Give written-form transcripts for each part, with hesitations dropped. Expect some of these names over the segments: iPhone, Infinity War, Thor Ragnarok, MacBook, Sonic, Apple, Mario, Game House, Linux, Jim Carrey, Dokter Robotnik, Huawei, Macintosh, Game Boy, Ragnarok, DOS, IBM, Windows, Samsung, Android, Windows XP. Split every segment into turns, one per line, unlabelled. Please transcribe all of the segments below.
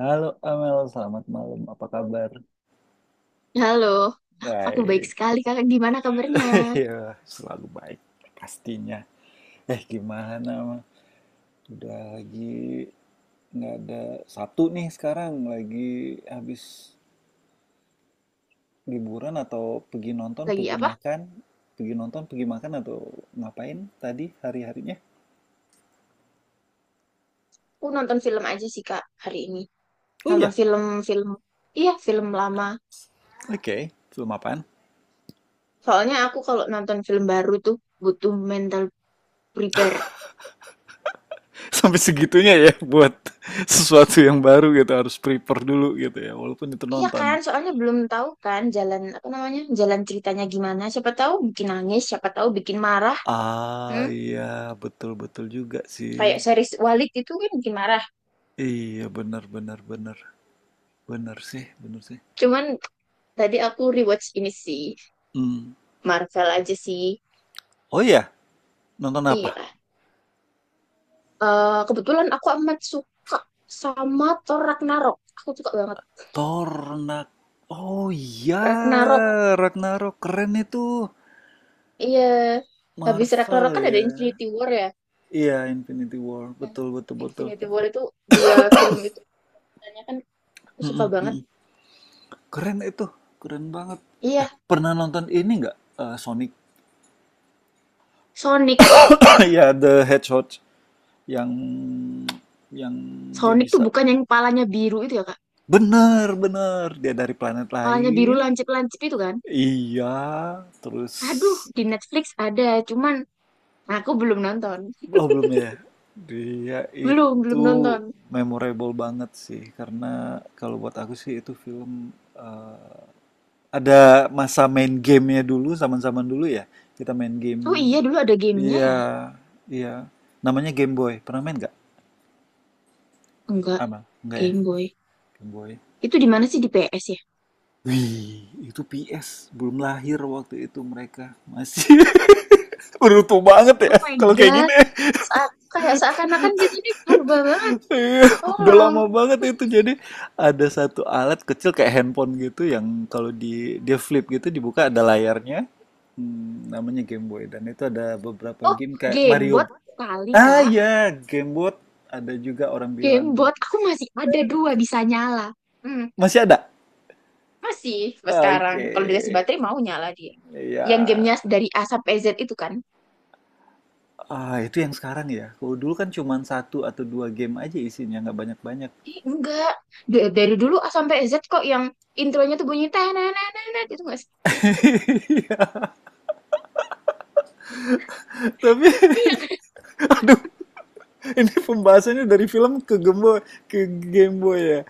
Halo Amel, selamat malam. Apa kabar?
Halo, aku baik
Baik,
sekali kakak. Gimana kabarnya?
ya selalu baik pastinya. Gimana mah? Udah lagi nggak ada Sabtu nih sekarang lagi habis liburan atau pergi nonton,
Lagi
pergi
apa?
makan, pergi nonton, pergi makan atau ngapain tadi hari-harinya?
Aku nonton film aja sih kak hari ini.
Oh
Nonton
iya,
film-film, iya film lama.
oke. Film apaan?
Soalnya aku kalau nonton film baru tuh butuh mental prepare.
Sampai segitunya ya buat
I-
sesuatu yang baru gitu harus prepare dulu gitu ya, walaupun itu
Iya
nonton.
kan, soalnya belum tahu kan jalan apa namanya, jalan ceritanya gimana. Siapa tahu bikin nangis, siapa tahu bikin marah.
Ah,
Hmm?
iya, betul betul juga sih.
Kayak series Walid itu kan bikin marah.
Iya, benar benar benar. Benar sih, benar sih.
Cuman tadi aku rewatch ini sih,
Hmm.
Marvel aja sih.
Oh iya, nonton apa?
Iya. Eh, kebetulan aku amat suka sama Thor Ragnarok. Aku suka banget
Tornak. Oh iya,
Ragnarok.
Ragnarok keren itu.
Iya, habis
Marvel
Ragnarok kan ada
ya.
Infinity War ya.
Iya, Infinity War.
Nah,
Betul betul betul.
Infinity War itu dua film itu sebenarnya kan aku suka
Mm-mm,
banget.
mm-mm. Keren itu. Keren banget.
Iya,
Pernah nonton ini nggak? Sonic.
Sonic.
Ya, The Hedgehog yang yang dia
Sonic tuh
bisa.
bukan yang kepalanya biru itu ya, Kak.
Bener, bener. Dia dari planet
Kepalanya biru
lain.
lancip-lancip itu kan.
Iya, terus
Aduh, di Netflix ada, cuman aku belum nonton.
oh belum ya. Dia
Belum, belum
itu
nonton.
memorable banget sih karena kalau buat aku sih itu film, eh, ada masa main gamenya dulu, zaman-zaman dulu ya. Kita main game.
Oh iya, dulu ada gamenya
Iya,
ya?
iya. Namanya Game Boy. Pernah main nggak?
Enggak,
Ama, nggak ya?
Game Boy.
Game Boy.
Itu di mana sih di PS ya?
Wih, itu PS. Belum lahir waktu itu mereka. Masih beruntung banget
Oh
ya
my
kalau kayak
God.
gini.
sa Kayak seakan-akan kita nih purba banget.
Udah
Tolong.
lama banget itu. Jadi ada satu alat kecil kayak handphone gitu yang kalau dia flip gitu dibuka ada layarnya. Hmm, namanya Game Boy dan itu ada beberapa
Oh,
game kayak Mario.
gamebot kali,
Ah
Kak.
ya, Game Boy ada juga orang bilang
Gamebot. Aku masih ada dua bisa nyala. Hmm,
masih ada.
masih sampai sekarang.
Oke.
Kalau dikasih baterai mau nyala dia. Yang gamenya
Ya,
dari A sampai Z itu kan.
ah, itu yang sekarang ya. Kalau dulu kan cuman satu atau dua game aja isinya, nggak banyak-banyak.
Eh, enggak. Dari dulu A sampai Z kok yang intronya tuh bunyi tananananan itu enggak sih?
Iya, tapi
Iya kan?
aduh, ini pembahasannya dari film ke Gembo ke Game Boy ya.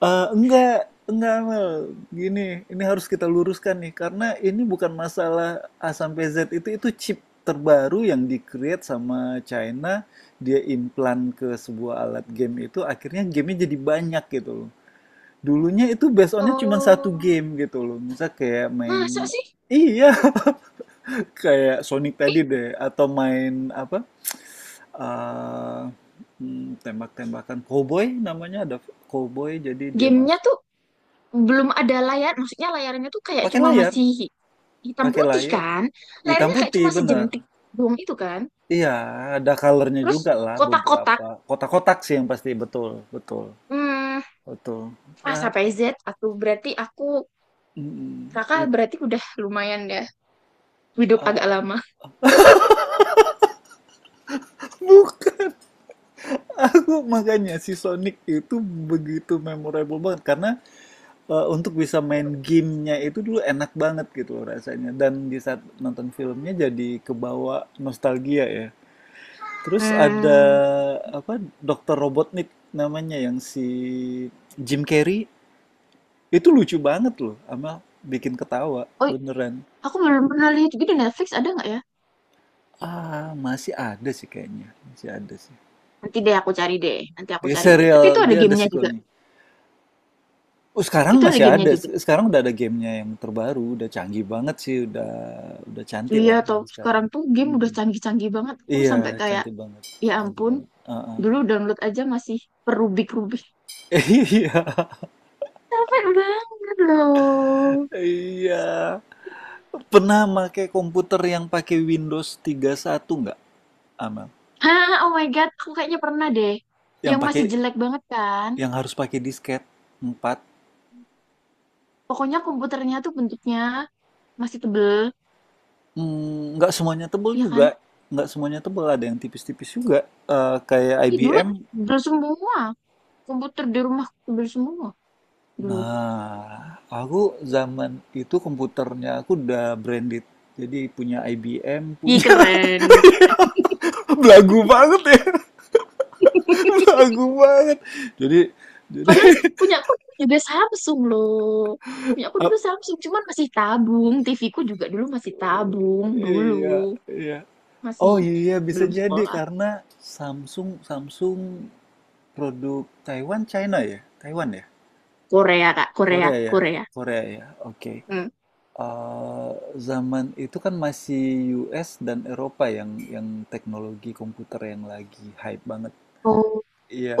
Eh, enggak, enggak Mel. Gini, ini harus kita luruskan nih karena ini bukan masalah A sampai Z, itu chip terbaru yang di-create sama China, dia implant ke sebuah alat game itu akhirnya gamenya jadi banyak gitu loh. Dulunya itu based onnya cuma satu
Oh,
game gitu loh. Misal kayak
masa
main
sih?
iya kayak Sonic
Ih,
tadi deh atau main apa? eh, Tembak-tembakan cowboy namanya, ada cowboy jadi dia
gamenya
mas
tuh belum ada layar. Maksudnya layarnya tuh kayak
pakai
cuma
layar,
masih hitam
pakai
putih
layar
kan,
hitam
layarnya kayak cuma
putih bener
sejentik doang itu kan,
iya, ada colornya
terus
juga lah
kotak-kotak.
beberapa kotak-kotak sih yang pasti, betul betul
Hmm,
betul.
A
Nah,
sampai Z, aku berarti aku
mm,
Raka
it-
berarti udah lumayan ya, hidup agak
ah,
lama.
bukan. Aku makanya si Sonic itu begitu memorable banget karena untuk bisa main gamenya itu dulu enak banget gitu loh rasanya dan di saat nonton filmnya jadi kebawa nostalgia ya. Terus ada
Hmm.
apa Dokter Robotnik namanya, yang si Jim Carrey, itu lucu banget loh sama bikin ketawa
Oh,
beneran.
aku belum pernah lihat juga, di Netflix ada nggak ya?
Ah masih ada sih kayaknya, masih ada sih.
Nanti deh aku cari deh, nanti aku
Dia
cari deh, tapi itu
serial,
ada
dia ada
gamenya juga.
sequelnya. Oh, sekarang
Itu ada
masih
gamenya
ada.
juga.
Sekarang udah ada gamenya yang terbaru, udah canggih banget sih, udah cantik
Iya,
lah
tau
yang sekarang.
sekarang tuh game udah
Mm.
canggih-canggih banget, aku
Iya,
sampai kayak
cantik banget,
ya
cantik
ampun,
banget. Uh-uh.
dulu download aja masih perubik-rubik,
Iya,
capek banget loh.
iya. Pernah pakai komputer yang pakai Windows 31 nggak, Amel?
Hah, oh my God, aku kayaknya pernah deh.
Yang
Yang
pakai,
masih jelek banget kan.
yang harus pakai disket 4.
Pokoknya komputernya tuh bentuknya masih tebel,
Mm, nggak semuanya tebal
iya kan?
juga, nggak semuanya tebal, ada yang tipis-tipis juga. Kayak
Ih, dulu
IBM.
tebel semua. Komputer di rumah tebel semua dulu.
Nah, aku zaman itu komputernya aku udah branded. Jadi punya IBM,
Ih,
punya
keren, keren.
belagu banget ya. Belagu banget. Jadi jadi
Padahal punya aku juga Samsung loh. Punya aku dulu
ap-
Samsung, cuman masih tabung. TV ku juga dulu masih tabung, dulu.
iya, iya. Oh
Masih
iya bisa
belum
jadi
sekolah.
karena Samsung Samsung produk Taiwan China ya? Taiwan ya?
Korea, Kak. Korea,
Korea ya?
Korea.
Korea ya. Oke.
Hmm.
Eh, Zaman itu kan masih US dan Eropa yang teknologi komputer yang lagi hype banget.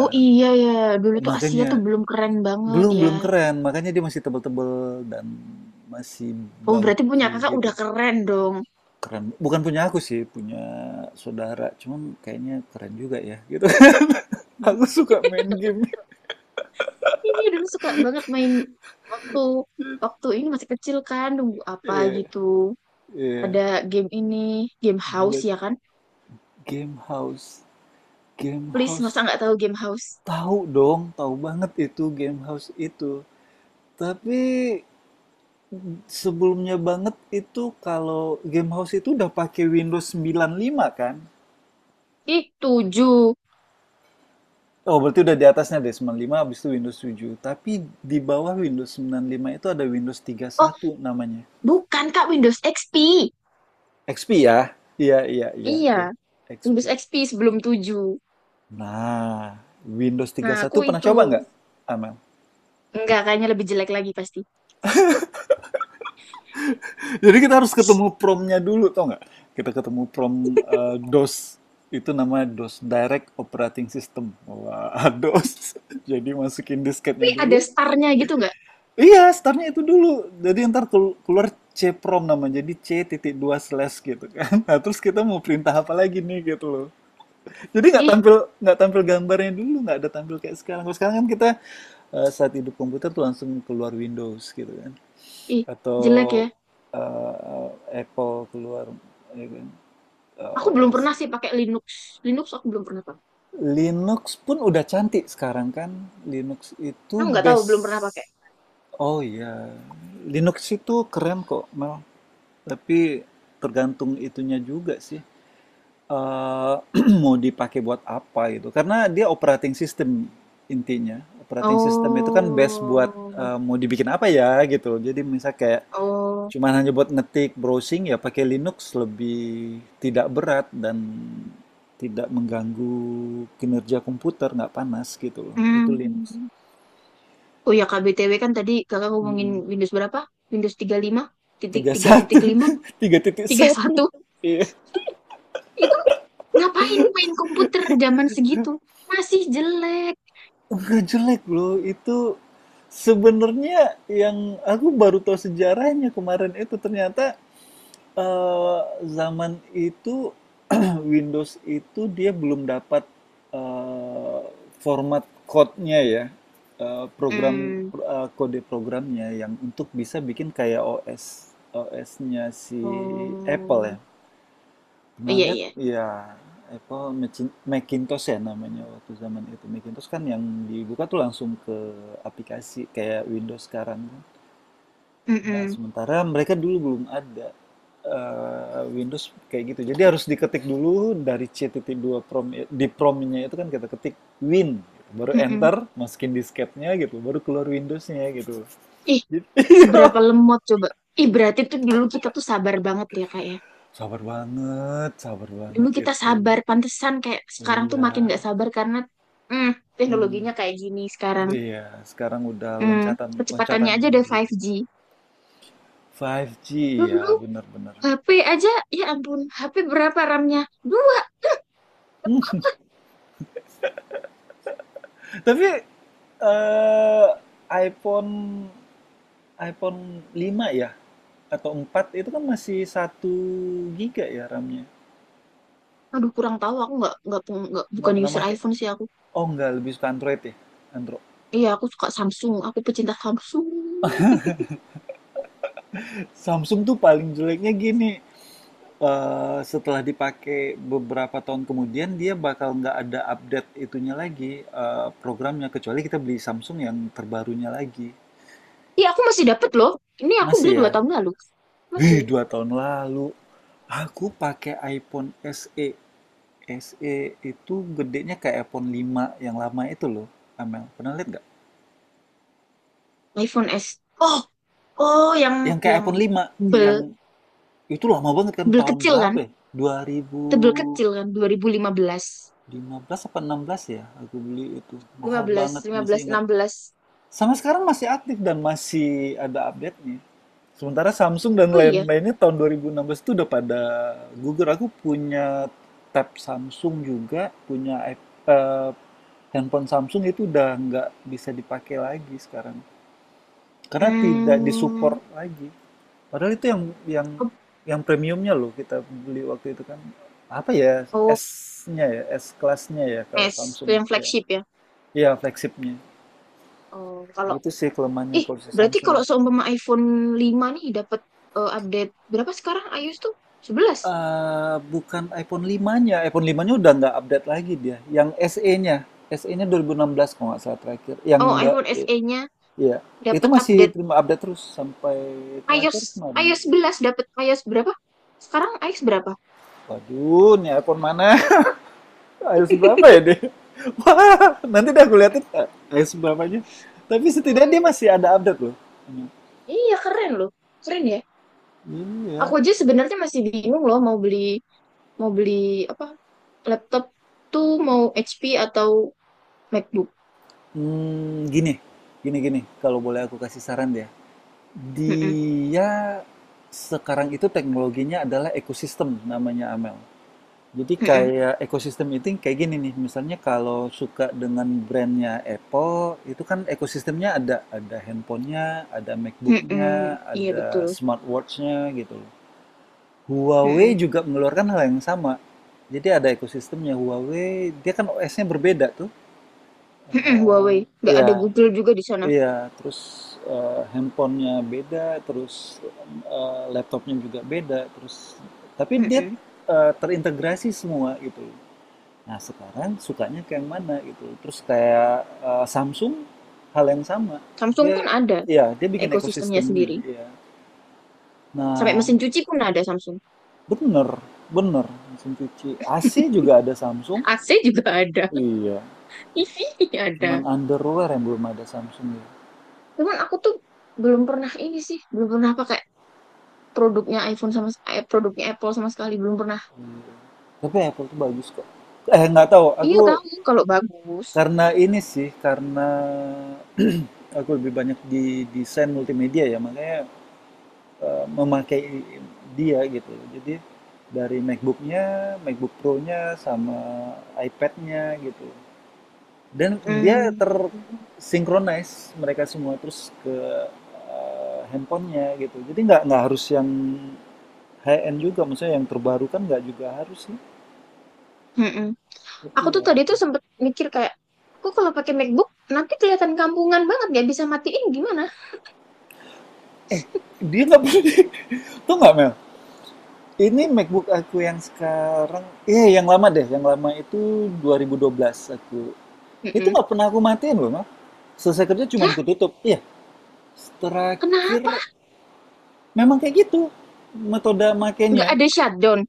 Oh iya ya, dulu tuh Asia
makanya
tuh belum keren banget
belum
ya.
belum keren, makanya dia masih tebel-tebel dan masih
Oh berarti punya
bagi
kakak
gitu.
udah keren dong.
Keren. Bukan punya aku sih, punya saudara. Cuman kayaknya keren juga ya gitu.
Hmm.
Aku suka main game.
Iya dulu suka banget main waktu waktu ini masih kecil kan, nunggu apa
Iya,
gitu.
iya.
Ada game ini, game house
Black
ya kan?
Game House. Game
Please masa
House.
nggak tahu game house?
Tahu dong, tahu banget itu Game House itu. Tapi sebelumnya banget itu kalau Game House itu udah pakai Windows 95 kan?
Ih tujuh.
Oh, berarti udah di atasnya deh, 95 habis itu Windows 7. Tapi di bawah Windows 95 itu ada Windows
Oh
31 namanya.
bukan kak, Windows XP.
XP ya? Iya, iya, iya,
Iya,
iya.
Windows
XP.
XP sebelum tujuh.
Nah, Windows
Nah aku
31 pernah
itu
coba nggak, Amel?
enggak, kayaknya lebih jelek lagi pasti.
Jadi kita harus ketemu promnya dulu, tau nggak? Kita ketemu prom eh, DOS. Itu namanya DOS Direct Operating System. Wah, DOS. Jadi masukin
Tapi
disketnya
ada
dulu.
starnya gitu nggak?
Iya, startnya itu dulu. Jadi ntar keluar CPROM nama, jadi C titik dua slash gitu kan. Nah, terus kita mau perintah apa lagi nih gitu loh. Jadi nggak
Ih,
tampil, gambarnya dulu, nggak ada tampil kayak sekarang. Kalau sekarang kan kita, saat hidup komputer tuh langsung keluar Windows gitu kan,
ih
atau
jelek ya.
eh, Apple keluar ya kan,
Aku belum
OS.
pernah sih pakai Linux. Linux aku belum pernah pakai.
Linux pun udah cantik sekarang kan. Linux itu
Aku nggak tahu, belum
base.
pernah pakai.
Oh iya, Linux itu keren kok, Mel. Tapi tergantung itunya juga sih. Eh, mau dipakai buat apa gitu. Karena dia operating system intinya. Operating system itu kan best buat,
Oh,
mau dibikin apa ya gitu. Jadi misal kayak
oh,
cuman hanya buat ngetik browsing ya pakai Linux lebih tidak berat dan tidak mengganggu kinerja komputer, nggak panas gitu loh. Itu Linux.
hmm. Oh ya KBTW, kan tadi kakak ngomongin Windows berapa? Windows 35
Tiga satu,
titik
tiga titik
3.5,
satu,
satu.
iya.
Itu ngapain main komputer zaman segitu? Masih jelek.
Nggak jelek loh itu sebenarnya, yang aku baru tahu sejarahnya kemarin itu ternyata eh, zaman itu Windows itu dia belum dapat, eh, format code-nya ya,
Hmm.
kode programnya yang untuk bisa bikin kayak OS-nya si Apple ya.
Oh,
Pernah
iya
lihat
iya.
ya Apple Macintosh ya namanya waktu zaman itu. Macintosh kan yang dibuka tuh langsung ke aplikasi kayak Windows sekarang kan. Nah,
Mm-mm.
sementara mereka dulu belum ada Windows kayak gitu. Jadi harus diketik dulu dari C T T dua prom, di promnya itu kan kita ketik Win gitu. Baru
Mm-mm.
enter, masukin disketnya gitu, baru keluar Windowsnya gitu.
Ih,
Jadi
seberapa lemot coba. Ih, berarti tuh dulu kita tuh sabar banget ya kak ya.
sabar
Dulu
banget
kita
itu.
sabar, pantesan kayak sekarang tuh makin
Iya.
nggak sabar karena mm,
Hmm.
teknologinya kayak gini sekarang.
Iya, sekarang udah
Mm,
loncatan
kecepatannya aja
loncatannya
udah
iya.
5G.
5G ya,
Dulu
benar-benar.
HP aja, ya ampun, HP berapa RAM-nya? Dua.
Tapi eh iPhone iPhone 5 ya atau 4 itu kan masih 1 GB ya RAM-nya.
Aduh, kurang tahu. Aku nggak
Nggak
bukan
pernah
user
make.
iPhone sih aku.
Oh, nggak lebih suka Android ya. Android.
Iya, aku suka Samsung. Aku pecinta Samsung.
Samsung tuh paling jeleknya gini, setelah dipakai beberapa tahun kemudian dia bakal nggak ada update itunya lagi, programnya, kecuali kita beli Samsung yang terbarunya lagi.
Iya, aku masih dapet loh. Ini aku
Masih
beli
ya?
2 tahun lalu.
Wih,
Masih
2 tahun lalu. Aku pakai iPhone SE. SE itu gedenya kayak iPhone 5 yang lama itu loh, Amel. Pernah lihat nggak?
iPhone S. Oh, oh, yang
Yang kayak iPhone
yang
lima, yang
bel
itu lama banget kan,
bel
tahun
kecil
berapa
kan?
ya?
Tebel kecil
2015
kan? 2015,
apa 16 ya aku beli itu.
lima, lima
Mahal
belas,
banget,
lima belas,
masih ingat.
enam belas.
Sama sekarang masih aktif dan masih ada update-nya. Sementara Samsung dan
Oh iya.
lain-lainnya tahun 2016 itu udah pada gugur. Aku punya tab Samsung juga, punya handphone Samsung, itu udah nggak bisa dipakai lagi sekarang. Karena tidak
Hmm,
disupport lagi. Padahal itu
oh,
yang premiumnya loh kita beli waktu itu kan. Apa ya
oh,
S-nya ya, S kelasnya ya kalau
S, itu
Samsung.
yang
Iya,
flagship ya.
iya, flagshipnya.
Oh, kalau
Itu sih kelemahannya
ih,
kalau si
berarti
Samsung.
kalau seumpama iPhone 5 nih dapat update berapa sekarang iOS tuh? 11.
Eh, bukan iPhone 5-nya. iPhone 5-nya udah nggak update lagi dia. Yang SE-nya. SE-nya 2016 kalau nggak salah terakhir. Yang
Oh,
Mbak,
iPhone SE-nya
iya. Itu
dapat
masih
update
terima update terus sampai
iOS
terakhir kemarin.
iOS 11 dapat iOS berapa? Sekarang iOS berapa?
Waduh, ini iPhone mana? iOS berapa ya dia? Wah, nanti dah aku liatin, iOS berapanya. Tapi setidaknya dia
Hmm,
masih ada update loh.
iya keren loh. Keren ya.
Ini ya.
Aku aja sebenarnya masih bingung loh mau beli apa? Laptop tuh mau HP atau MacBook.
Hmm, gini. Kalau boleh aku kasih saran ya.
Mm-mm,
Dia sekarang itu teknologinya adalah ekosistem namanya Amel. Jadi
mm-mm,
kayak ekosistem itu kayak gini nih, misalnya kalau suka dengan brandnya Apple, itu kan ekosistemnya ada handphonenya, ada
mm-mm.
MacBooknya,
Iya
ada
betul.
smartwatchnya gitu loh. Huawei
Mm-mm,
juga mengeluarkan hal yang sama. Jadi ada ekosistemnya Huawei, dia kan OS-nya berbeda tuh.
mm-mm,
Eh,
Huawei. Nggak
Iya,
ada Google juga di sana.
Iya, terus, handphone beda, terus, laptopnya juga beda, terus tapi dia,
Mm-mm.
terintegrasi semua gitu. Nah sekarang sukanya ke yang mana gitu, terus kayak, Samsung, hal yang sama.
Samsung
Dia
pun ada
ya dia bikin
ekosistemnya
ekosistemnya,
sendiri.
iya.
Sampai
Nah
mesin cuci pun ada Samsung.
bener bener, mesin cuci. AC juga ada Samsung.
AC juga ada.
Iya,
TV
cuman
ada.
underwear yang belum ada Samsung ya.
Cuman aku tuh belum pernah ini sih. Belum pernah pakai produknya iPhone sama produknya Apple sama sekali. Belum pernah.
Iya. Tapi Apple tuh bagus kok. Eh nggak tahu, aku.
Iya tahu kalau bagus.
Karena ini sih, karena aku lebih banyak di desain multimedia ya, makanya, memakai dia gitu. Jadi, dari MacBook-nya, MacBook Pro-nya, sama iPad-nya gitu. Dan dia
Hmm.
ter-synchronize mereka semua, terus ke, handphone-nya gitu. Jadi nggak harus yang high-end juga, maksudnya yang terbaru kan nggak juga harus sih.
Mm-mm.
Tapi
Aku tuh
ya
tadi
itu.
tuh sempet mikir kayak, aku kalau pakai MacBook nanti kelihatan kampungan banget, nggak bisa matiin gimana?
Eh, dia nggak pernah tuh nggak Mel, ini MacBook aku yang sekarang, eh yang lama deh, yang lama itu 2012 aku. Itu
Mm-mm.
nggak pernah aku matiin loh, Mak. Selesai kerja cuman
Hah?
aku tutup. Iya,
Kenapa?
terakhir memang kayak gitu metode
Nggak
makainya.
ada shutdown?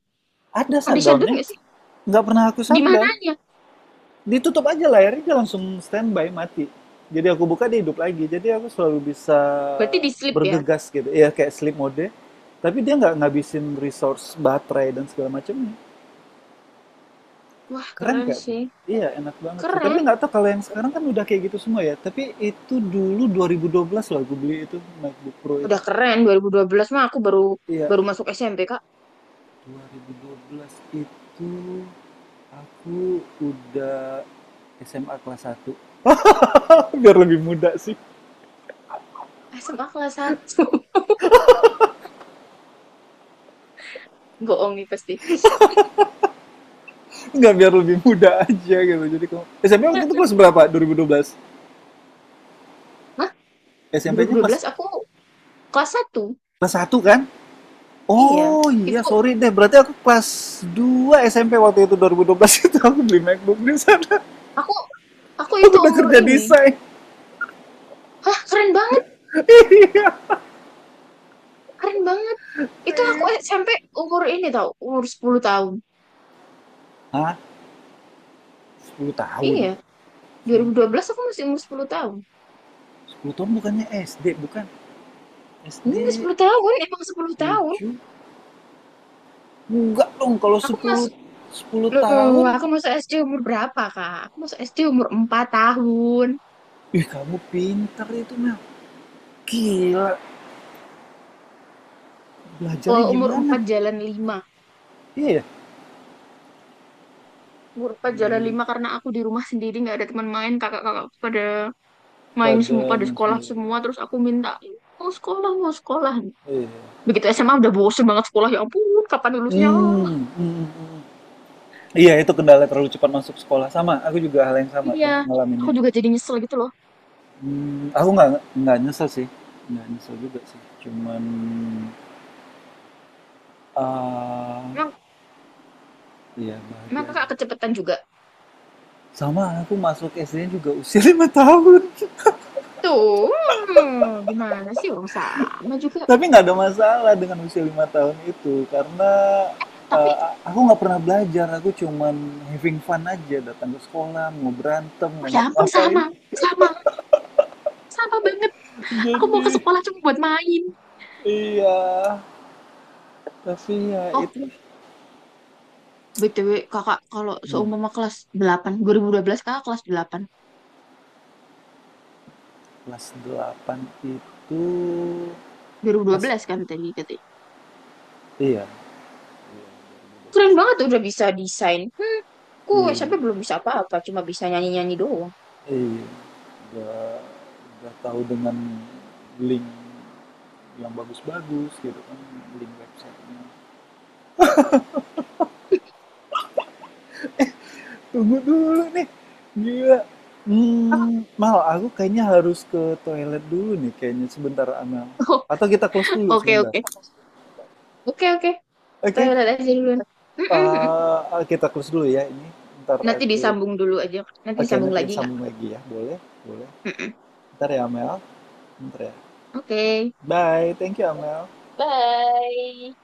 Ada
Ada shutdown
shutdownnya,
nggak sih?
nggak pernah aku
Di
shutdown.
mananya?
Ditutup aja layarnya, dia langsung standby, mati. Jadi aku buka, dia hidup lagi. Jadi aku selalu bisa
Berarti di sleep ya?
bergegas gitu. Iya kayak sleep mode, tapi dia nggak ngabisin resource baterai dan segala macamnya.
Wah,
Keren
keren
gak tuh?
sih.
Iya, enak banget sih. Tapi
Keren.
nggak tahu kalau yang sekarang kan udah kayak gitu semua ya. Tapi itu dulu 2012 loh aku beli itu MacBook Pro itu.
Udah keren. 2012 mah aku baru
Iya,
baru masuk SMP, Kak.
2012 itu aku udah SMA kelas satu. Biar lebih muda sih.
SMA kelas satu, bohong nih pasti.
Nggak, biar lebih muda aja gitu. Jadi kamu SMP waktu itu kelas berapa? 2012.
Hah?
SMP-nya kelas
2012 aku kelas satu.
Kelas 1 kan?
Iya.
Oh iya,
Itu
sorry deh. Berarti aku kelas 2 SMP waktu itu, 2012 itu aku beli MacBook di sana.
aku aku
Aku
itu
udah
umur
kerja
ini.
desain.
Hah, keren banget. Keren banget. Itu aku SMP umur ini tau. Umur 10 tahun.
Hah? Sepuluh tahun.
Iya.
SMP.
2012 aku masih umur 10 tahun.
10 tahun bukannya SD, bukan.
Enggak
SD
10 tahun, emang 10 tahun.
7? Enggak dong kalau
Aku
sepuluh,
masuk,
10 tahun.
loh, aku masuk SD umur berapa, Kak? Aku masuk SD umur 4 tahun.
Ih, kamu pinter itu, Mel. Gila,
Oh,
belajarnya
umur
gimana?
4 jalan lima.
Iya. Ya?
Umur 4 jalan
Di-
5 karena aku di rumah sendiri nggak ada teman main, kakak-kakak pada main
Pada
semua, pada sekolah
Mansumaya.
semua, terus aku minta mau sekolah, mau sekolah.
Iya.
Begitu SMA udah bosen banget sekolah, ya ampun, kapan lulusnya?
Hmm, hmm. Iya, itu kendala terlalu cepat masuk sekolah. Sama, aku juga hal yang sama
Iya,
tuh
aku
ngalaminnya.
juga jadi nyesel gitu loh.
Hmm, aku nggak nyesel sih, nggak nyesel juga sih. Cuman Eee,
Emang,
iya bahagia
emang kakak
aja.
kecepetan juga.
Sama anakku masuk SD-nya juga usia 5 tahun,
Tuh, hmm, gimana sih orang sama juga.
tapi nggak ada masalah dengan usia 5 tahun itu karena,
Tapi
eee, aku nggak pernah belajar, aku cuman having fun aja datang ke sekolah, mau berantem,
oh ya
mau
ampun,
ngapain.
sama, sama, sama banget. Aku mau ke
Jadi
sekolah cuma buat main.
iya, tapi ya
Oh,
itu
BTW kakak kalau
hmm,
seumpama kelas delapan, 2012, kakak kelas delapan
kelas 8 itu
dua ribu dua
pas,
belas kan tadi katanya.
iya,
Keren banget udah bisa desain. Hmm, ku
iya.
SMP belum bisa apa-apa, cuma bisa nyanyi-nyanyi doang.
eh udah udah tahu dengan link yang bagus-bagus gitu kan, link websitenya. Tunggu dulu nih, gila. Mmm, Mal, aku kayaknya harus ke toilet dulu nih kayaknya sebentar, Amel.
Oh,
Atau kita close dulu
oke
sebentar?
oke. Oke, oke.
Oke,
Toilet aja dulu. Mm-mm.
kita close dulu ya ini, ntar
Nanti
aku
disambung dulu aja. Nanti
oke
disambung
nanti
lagi
kita
nggak?
sambung lagi ya, boleh boleh.
Mm-mm.
Ntar ya, Amel, ntar ya.
Oke.
Bye, thank you, Amel.
Bye.